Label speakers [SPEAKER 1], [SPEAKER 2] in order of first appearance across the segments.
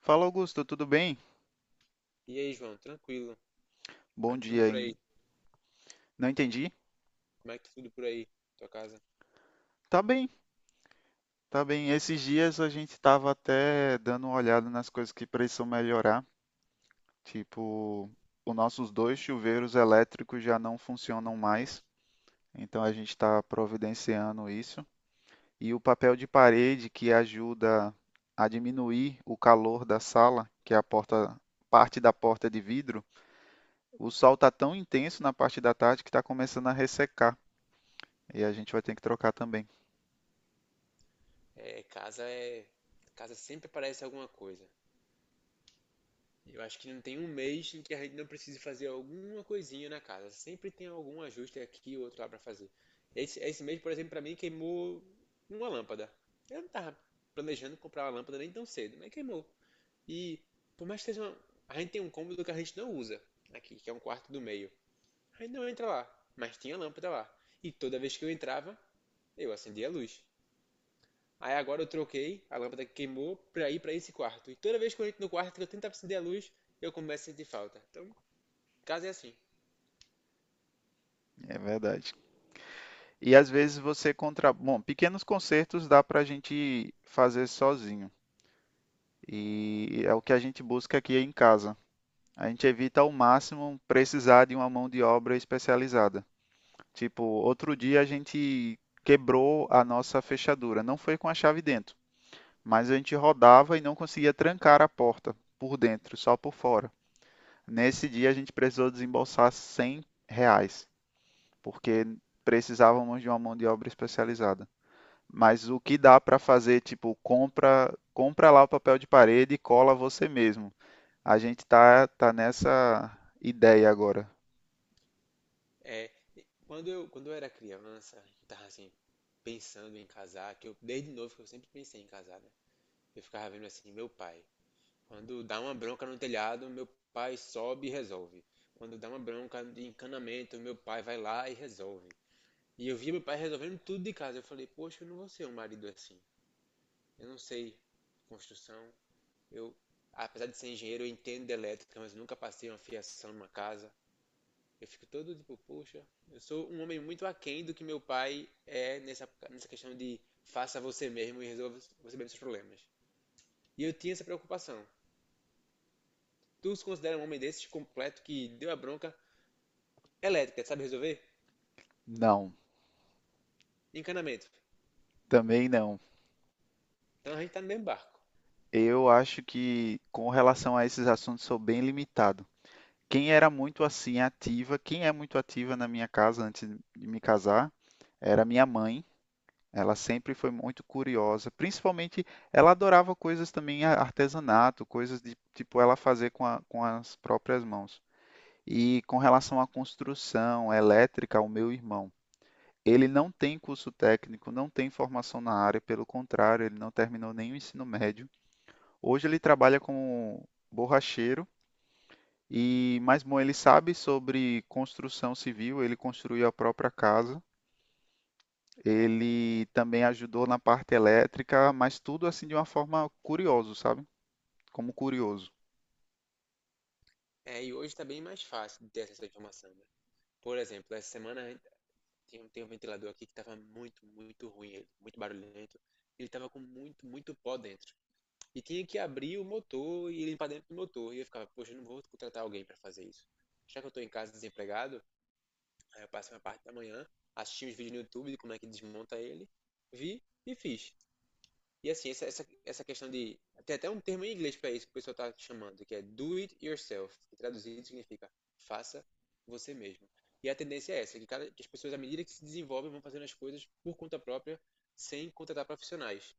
[SPEAKER 1] Fala, Augusto, tudo bem?
[SPEAKER 2] E aí, João, tranquilo? Como
[SPEAKER 1] Bom
[SPEAKER 2] é que tudo
[SPEAKER 1] dia
[SPEAKER 2] por
[SPEAKER 1] ainda.
[SPEAKER 2] aí?
[SPEAKER 1] Não entendi?
[SPEAKER 2] Como é que tudo por aí? Tua casa?
[SPEAKER 1] Tá bem, tá bem. Esses dias a gente estava até dando uma olhada nas coisas que precisam melhorar. Tipo, os nossos dois chuveiros elétricos já não funcionam mais, então a gente está providenciando isso. E o papel de parede que ajuda a diminuir o calor da sala, que é a porta, parte da porta de vidro, o sol está tão intenso na parte da tarde que está começando a ressecar. E a gente vai ter que trocar também.
[SPEAKER 2] É, casa é. Casa sempre aparece alguma coisa. Eu acho que não tem um mês em que a gente não precise fazer alguma coisinha na casa. Sempre tem algum ajuste aqui ou outro lá pra fazer. Esse mês, por exemplo, pra mim queimou uma lâmpada. Eu não tava planejando comprar uma lâmpada nem tão cedo, mas queimou. E por mais que seja uma. A gente tem um cômodo que a gente não usa aqui, que é um quarto do meio. Aí não entra lá, mas tinha lâmpada lá. E toda vez que eu entrava, eu acendia a luz. Aí agora eu troquei a lâmpada que queimou pra ir pra esse quarto. E toda vez que eu entro no quarto que eu tento acender a luz, eu começo a sentir falta. Então, o caso é assim.
[SPEAKER 1] É verdade. E às vezes você Bom, pequenos concertos dá para a gente fazer sozinho. E é o que a gente busca aqui em casa. A gente evita ao máximo precisar de uma mão de obra especializada. Tipo, outro dia a gente quebrou a nossa fechadura. Não foi com a chave dentro, mas a gente rodava e não conseguia trancar a porta por dentro, só por fora. Nesse dia a gente precisou desembolsar R$ 100, porque precisávamos de uma mão de obra especializada. Mas o que dá para fazer, tipo, compra, compra lá o papel de parede e cola você mesmo. A gente tá nessa ideia agora.
[SPEAKER 2] É, quando eu era criança, eu tava assim, pensando em casar, que eu, desde novo, que eu sempre pensei em casar, né? Eu ficava vendo assim, meu pai, quando dá uma bronca no telhado, meu pai sobe e resolve. Quando dá uma bronca de encanamento, meu pai vai lá e resolve. E eu via meu pai resolvendo tudo de casa. Eu falei, poxa, eu não vou ser um marido assim. Eu não sei construção. Eu, apesar de ser engenheiro, eu entendo de elétrica, mas eu nunca passei uma fiação numa casa. Eu fico todo tipo, poxa, eu sou um homem muito aquém do que meu pai é nessa questão de faça você mesmo e resolva você mesmo seus problemas. E eu tinha essa preocupação. Tu se considera um homem desses completo que deu a bronca elétrica, sabe resolver?
[SPEAKER 1] Não,
[SPEAKER 2] Encanamento.
[SPEAKER 1] também não.
[SPEAKER 2] Então a gente tá no mesmo barco.
[SPEAKER 1] Eu acho que com relação a esses assuntos sou bem limitado. Quem é muito ativa na minha casa antes de me casar, era minha mãe. Ela sempre foi muito curiosa, principalmente ela adorava coisas também artesanato, coisas de tipo ela fazer com as próprias mãos. E com relação à construção elétrica, o meu irmão, ele não tem curso técnico, não tem formação na área, pelo contrário, ele não terminou nenhum ensino médio. Hoje ele trabalha como borracheiro e, mas bom, ele sabe sobre construção civil, ele construiu a própria casa. Ele também ajudou na parte elétrica, mas tudo assim de uma forma curiosa, sabe? Como curioso.
[SPEAKER 2] É, e hoje tá bem mais fácil de ter essa informação, né? Por exemplo, essa semana a gente tem um ventilador aqui que estava muito, muito ruim, ele, muito barulhento. Ele estava com muito, muito pó dentro. E tinha que abrir o motor e limpar dentro do motor. E eu ficava, poxa, eu não vou contratar alguém para fazer isso. Já que eu estou em casa desempregado, aí eu passei uma parte da manhã, assisti uns vídeos no YouTube de como é que desmonta ele, vi e fiz. E assim, essa questão de. Tem até um termo em inglês para isso que o pessoal está chamando, que é do it yourself, que traduzido significa faça você mesmo. E a tendência é essa, que, cada, que as pessoas, à medida que se desenvolvem, vão fazendo as coisas por conta própria, sem contratar profissionais.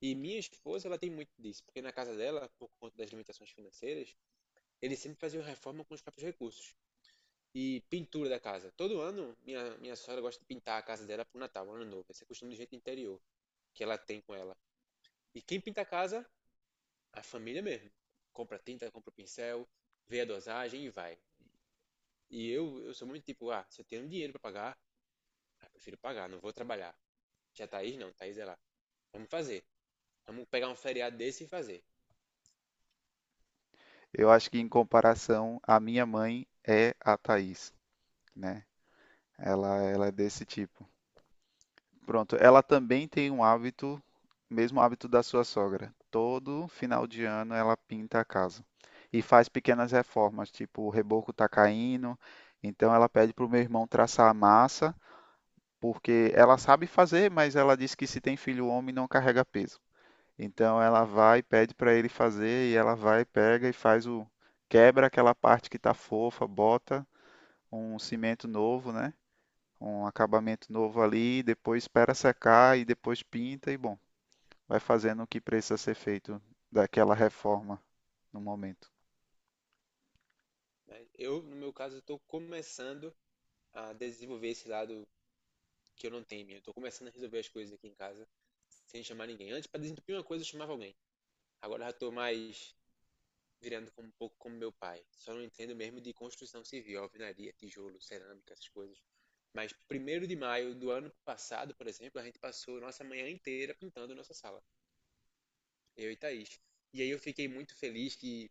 [SPEAKER 2] E minha esposa, ela tem muito disso, porque na casa dela, por conta das limitações financeiras, eles sempre faziam reforma com os próprios recursos. E pintura da casa. Todo ano, minha sogra gosta de pintar a casa dela pro Natal, ano novo. Esse é costume do jeito interior que ela tem com ela. E quem pinta a casa a família mesmo. Compra tinta, compra pincel, vê a dosagem e vai. E eu sou muito tipo, ah, se eu tenho dinheiro pra pagar, ah, prefiro pagar, não vou trabalhar. Já Thaís não, Thaís é lá. Vamos fazer. Vamos pegar um feriado desse e fazer.
[SPEAKER 1] Eu acho que em comparação, a minha mãe é a Thaís, né? Ela é desse tipo. Pronto, ela também tem um hábito, mesmo hábito da sua sogra. Todo final de ano ela pinta a casa e faz pequenas reformas, tipo o reboco tá caindo, então ela pede pro meu irmão traçar a massa, porque ela sabe fazer, mas ela diz que se tem filho homem não carrega peso. Então ela vai e pede para ele fazer e ela vai, pega e faz o quebra aquela parte que tá fofa, bota um cimento novo, né? Um acabamento novo ali, depois espera secar e depois pinta e bom, vai fazendo o que precisa ser feito daquela reforma no momento.
[SPEAKER 2] Né? Eu, no meu caso, estou começando a desenvolver esse lado que eu não tenho em mim. Eu tô começando a resolver as coisas aqui em casa sem chamar ninguém. Antes, para desentupir uma coisa, eu chamava alguém. Agora já estou mais virando como, um pouco como meu pai. Só não entendo mesmo de construção civil, alvenaria, tijolo, cerâmica, essas coisas. Mas 1º de maio do ano passado, por exemplo, a gente passou nossa manhã inteira pintando nossa sala, eu e Thaís. E aí eu fiquei muito feliz que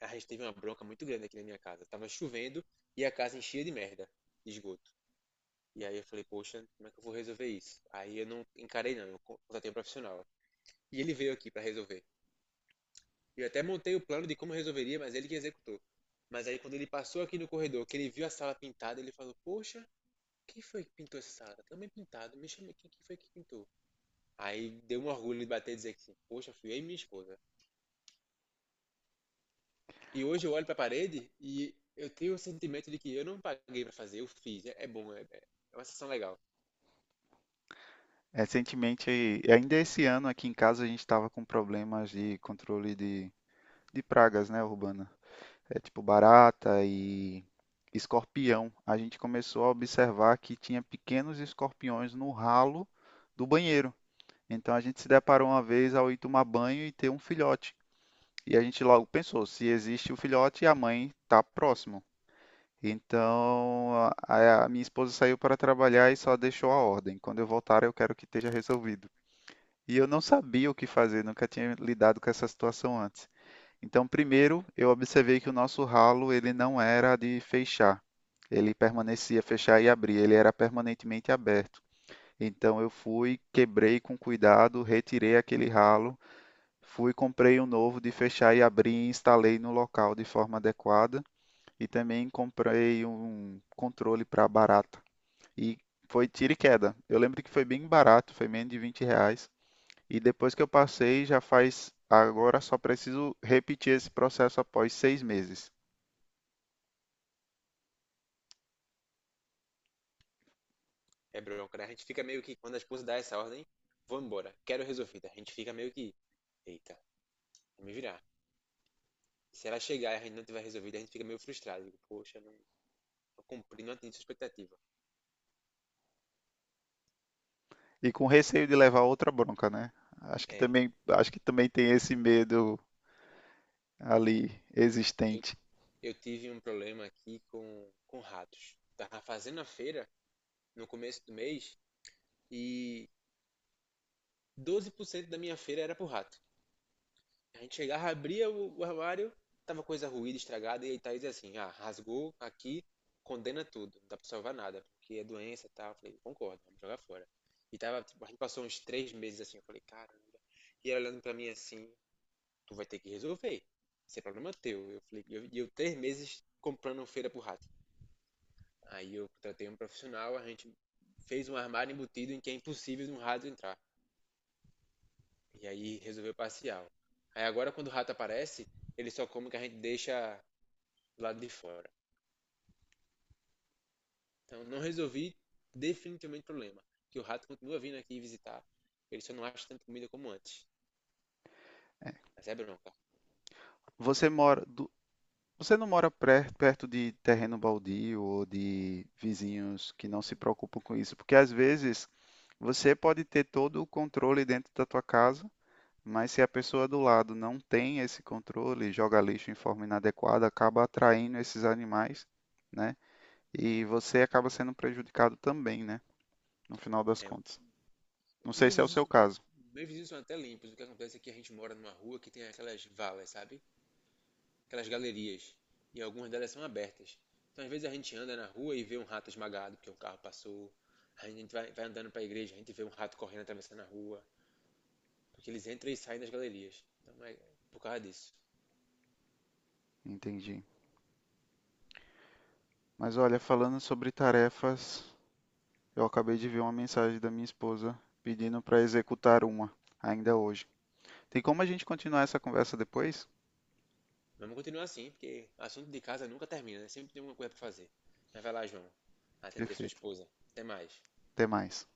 [SPEAKER 2] a gente teve uma bronca muito grande aqui na minha casa. Tava chovendo e a casa enchia de merda, de esgoto. E aí eu falei, poxa, como é que eu vou resolver isso? Aí eu não encarei não, eu contratei um profissional. E ele veio aqui para resolver. Eu até montei o plano de como resolveria, mas ele que executou. Mas aí quando ele passou aqui no corredor, que ele viu a sala pintada, ele falou: Poxa, quem foi que pintou essa sala? Também pintado, me chama aqui, quem foi que pintou? Aí deu um orgulho de bater e dizer que, poxa, fui eu e minha esposa. E hoje eu olho para a parede e eu tenho o sentimento de que eu não paguei para fazer, eu fiz. É bom, é uma sensação legal.
[SPEAKER 1] Recentemente, ainda esse ano aqui em casa a gente estava com problemas de controle de pragas, né, urbana. É tipo barata e escorpião. A gente começou a observar que tinha pequenos escorpiões no ralo do banheiro. Então a gente se deparou uma vez ao ir tomar banho e ter um filhote. E a gente logo pensou, se existe o filhote, a mãe está próximo. Então, a minha esposa saiu para trabalhar e só deixou a ordem. Quando eu voltar, eu quero que esteja resolvido. E eu não sabia o que fazer, nunca tinha lidado com essa situação antes. Então, primeiro, eu observei que o nosso ralo, ele não era de fechar. Ele permanecia fechar e abrir, ele era permanentemente aberto. Então eu fui, quebrei com cuidado, retirei aquele ralo. Fui, comprei um novo de fechar e abrir e instalei no local de forma adequada. E também comprei um controle para barata. E foi tiro e queda. Eu lembro que foi bem barato, foi menos de 20 reais. E depois que eu passei, já faz. Agora só preciso repetir esse processo após 6 meses.
[SPEAKER 2] É bronca, né? A gente fica meio que, quando a esposa dá essa ordem, vou embora, quero resolvida. A gente fica meio que, eita, vou me virar. Se ela chegar e a gente não tiver resolvido, a gente fica meio frustrado. Digo, poxa, não, tô cumprindo, a sua expectativa.
[SPEAKER 1] E com receio de levar outra bronca, né?
[SPEAKER 2] É.
[SPEAKER 1] Acho que também tem esse medo ali
[SPEAKER 2] Eu,
[SPEAKER 1] existente.
[SPEAKER 2] eu tive um problema aqui com ratos. Tava fazendo a feira no começo do mês e 12% da minha feira era pro rato. A gente chegava, abria o armário, tava coisa ruída, estragada, e aí Thaís é assim, ah, rasgou aqui, condena tudo, não dá pra salvar nada, porque é doença e tal. Eu falei, concordo, vamos jogar fora. E tava, tipo, a gente passou uns 3 meses assim, eu falei, caramba. E ela olhando pra mim assim, tu vai ter que resolver. Isso é problema teu. Eu falei, e eu 3 meses comprando feira pro rato. Aí eu contratei um profissional, a gente fez um armário embutido em que é impossível de um rato entrar. E aí resolveu parcial. Aí agora quando o rato aparece, ele só come o que a gente deixa do lado de fora. Então não resolvi definitivamente o problema. Que o rato continua vindo aqui visitar. Ele só não acha tanta comida como antes. Mas é bronca.
[SPEAKER 1] Você mora, Você não mora perto de terreno baldio ou de vizinhos que não se preocupam com isso? Porque às vezes você pode ter todo o controle dentro da tua casa, mas se a pessoa do lado não tem esse controle, joga lixo em forma inadequada, acaba atraindo esses animais, né? E você acaba sendo prejudicado também, né? No final das
[SPEAKER 2] É,
[SPEAKER 1] contas. Não sei
[SPEAKER 2] meus
[SPEAKER 1] se é o seu
[SPEAKER 2] vizinhos,
[SPEAKER 1] caso.
[SPEAKER 2] meus vizinhos são até limpos. O que acontece é que a gente mora numa rua que tem aquelas valas, sabe? Aquelas galerias, e algumas delas são abertas. Então, às vezes, a gente anda na rua e vê um rato esmagado porque um carro passou. A gente vai andando para a igreja, a gente vê um rato correndo atravessando a rua, porque eles entram e saem das galerias. Então, é por causa disso.
[SPEAKER 1] Entendi. Mas olha, falando sobre tarefas, eu acabei de ver uma mensagem da minha esposa pedindo para executar uma, ainda hoje. Tem como a gente continuar essa conversa depois?
[SPEAKER 2] Mas vamos continuar assim, porque assunto de casa nunca termina, né? Sempre tem alguma coisa para fazer. Mas vai lá, João, atender sua
[SPEAKER 1] Perfeito.
[SPEAKER 2] esposa. Até mais.
[SPEAKER 1] Até mais.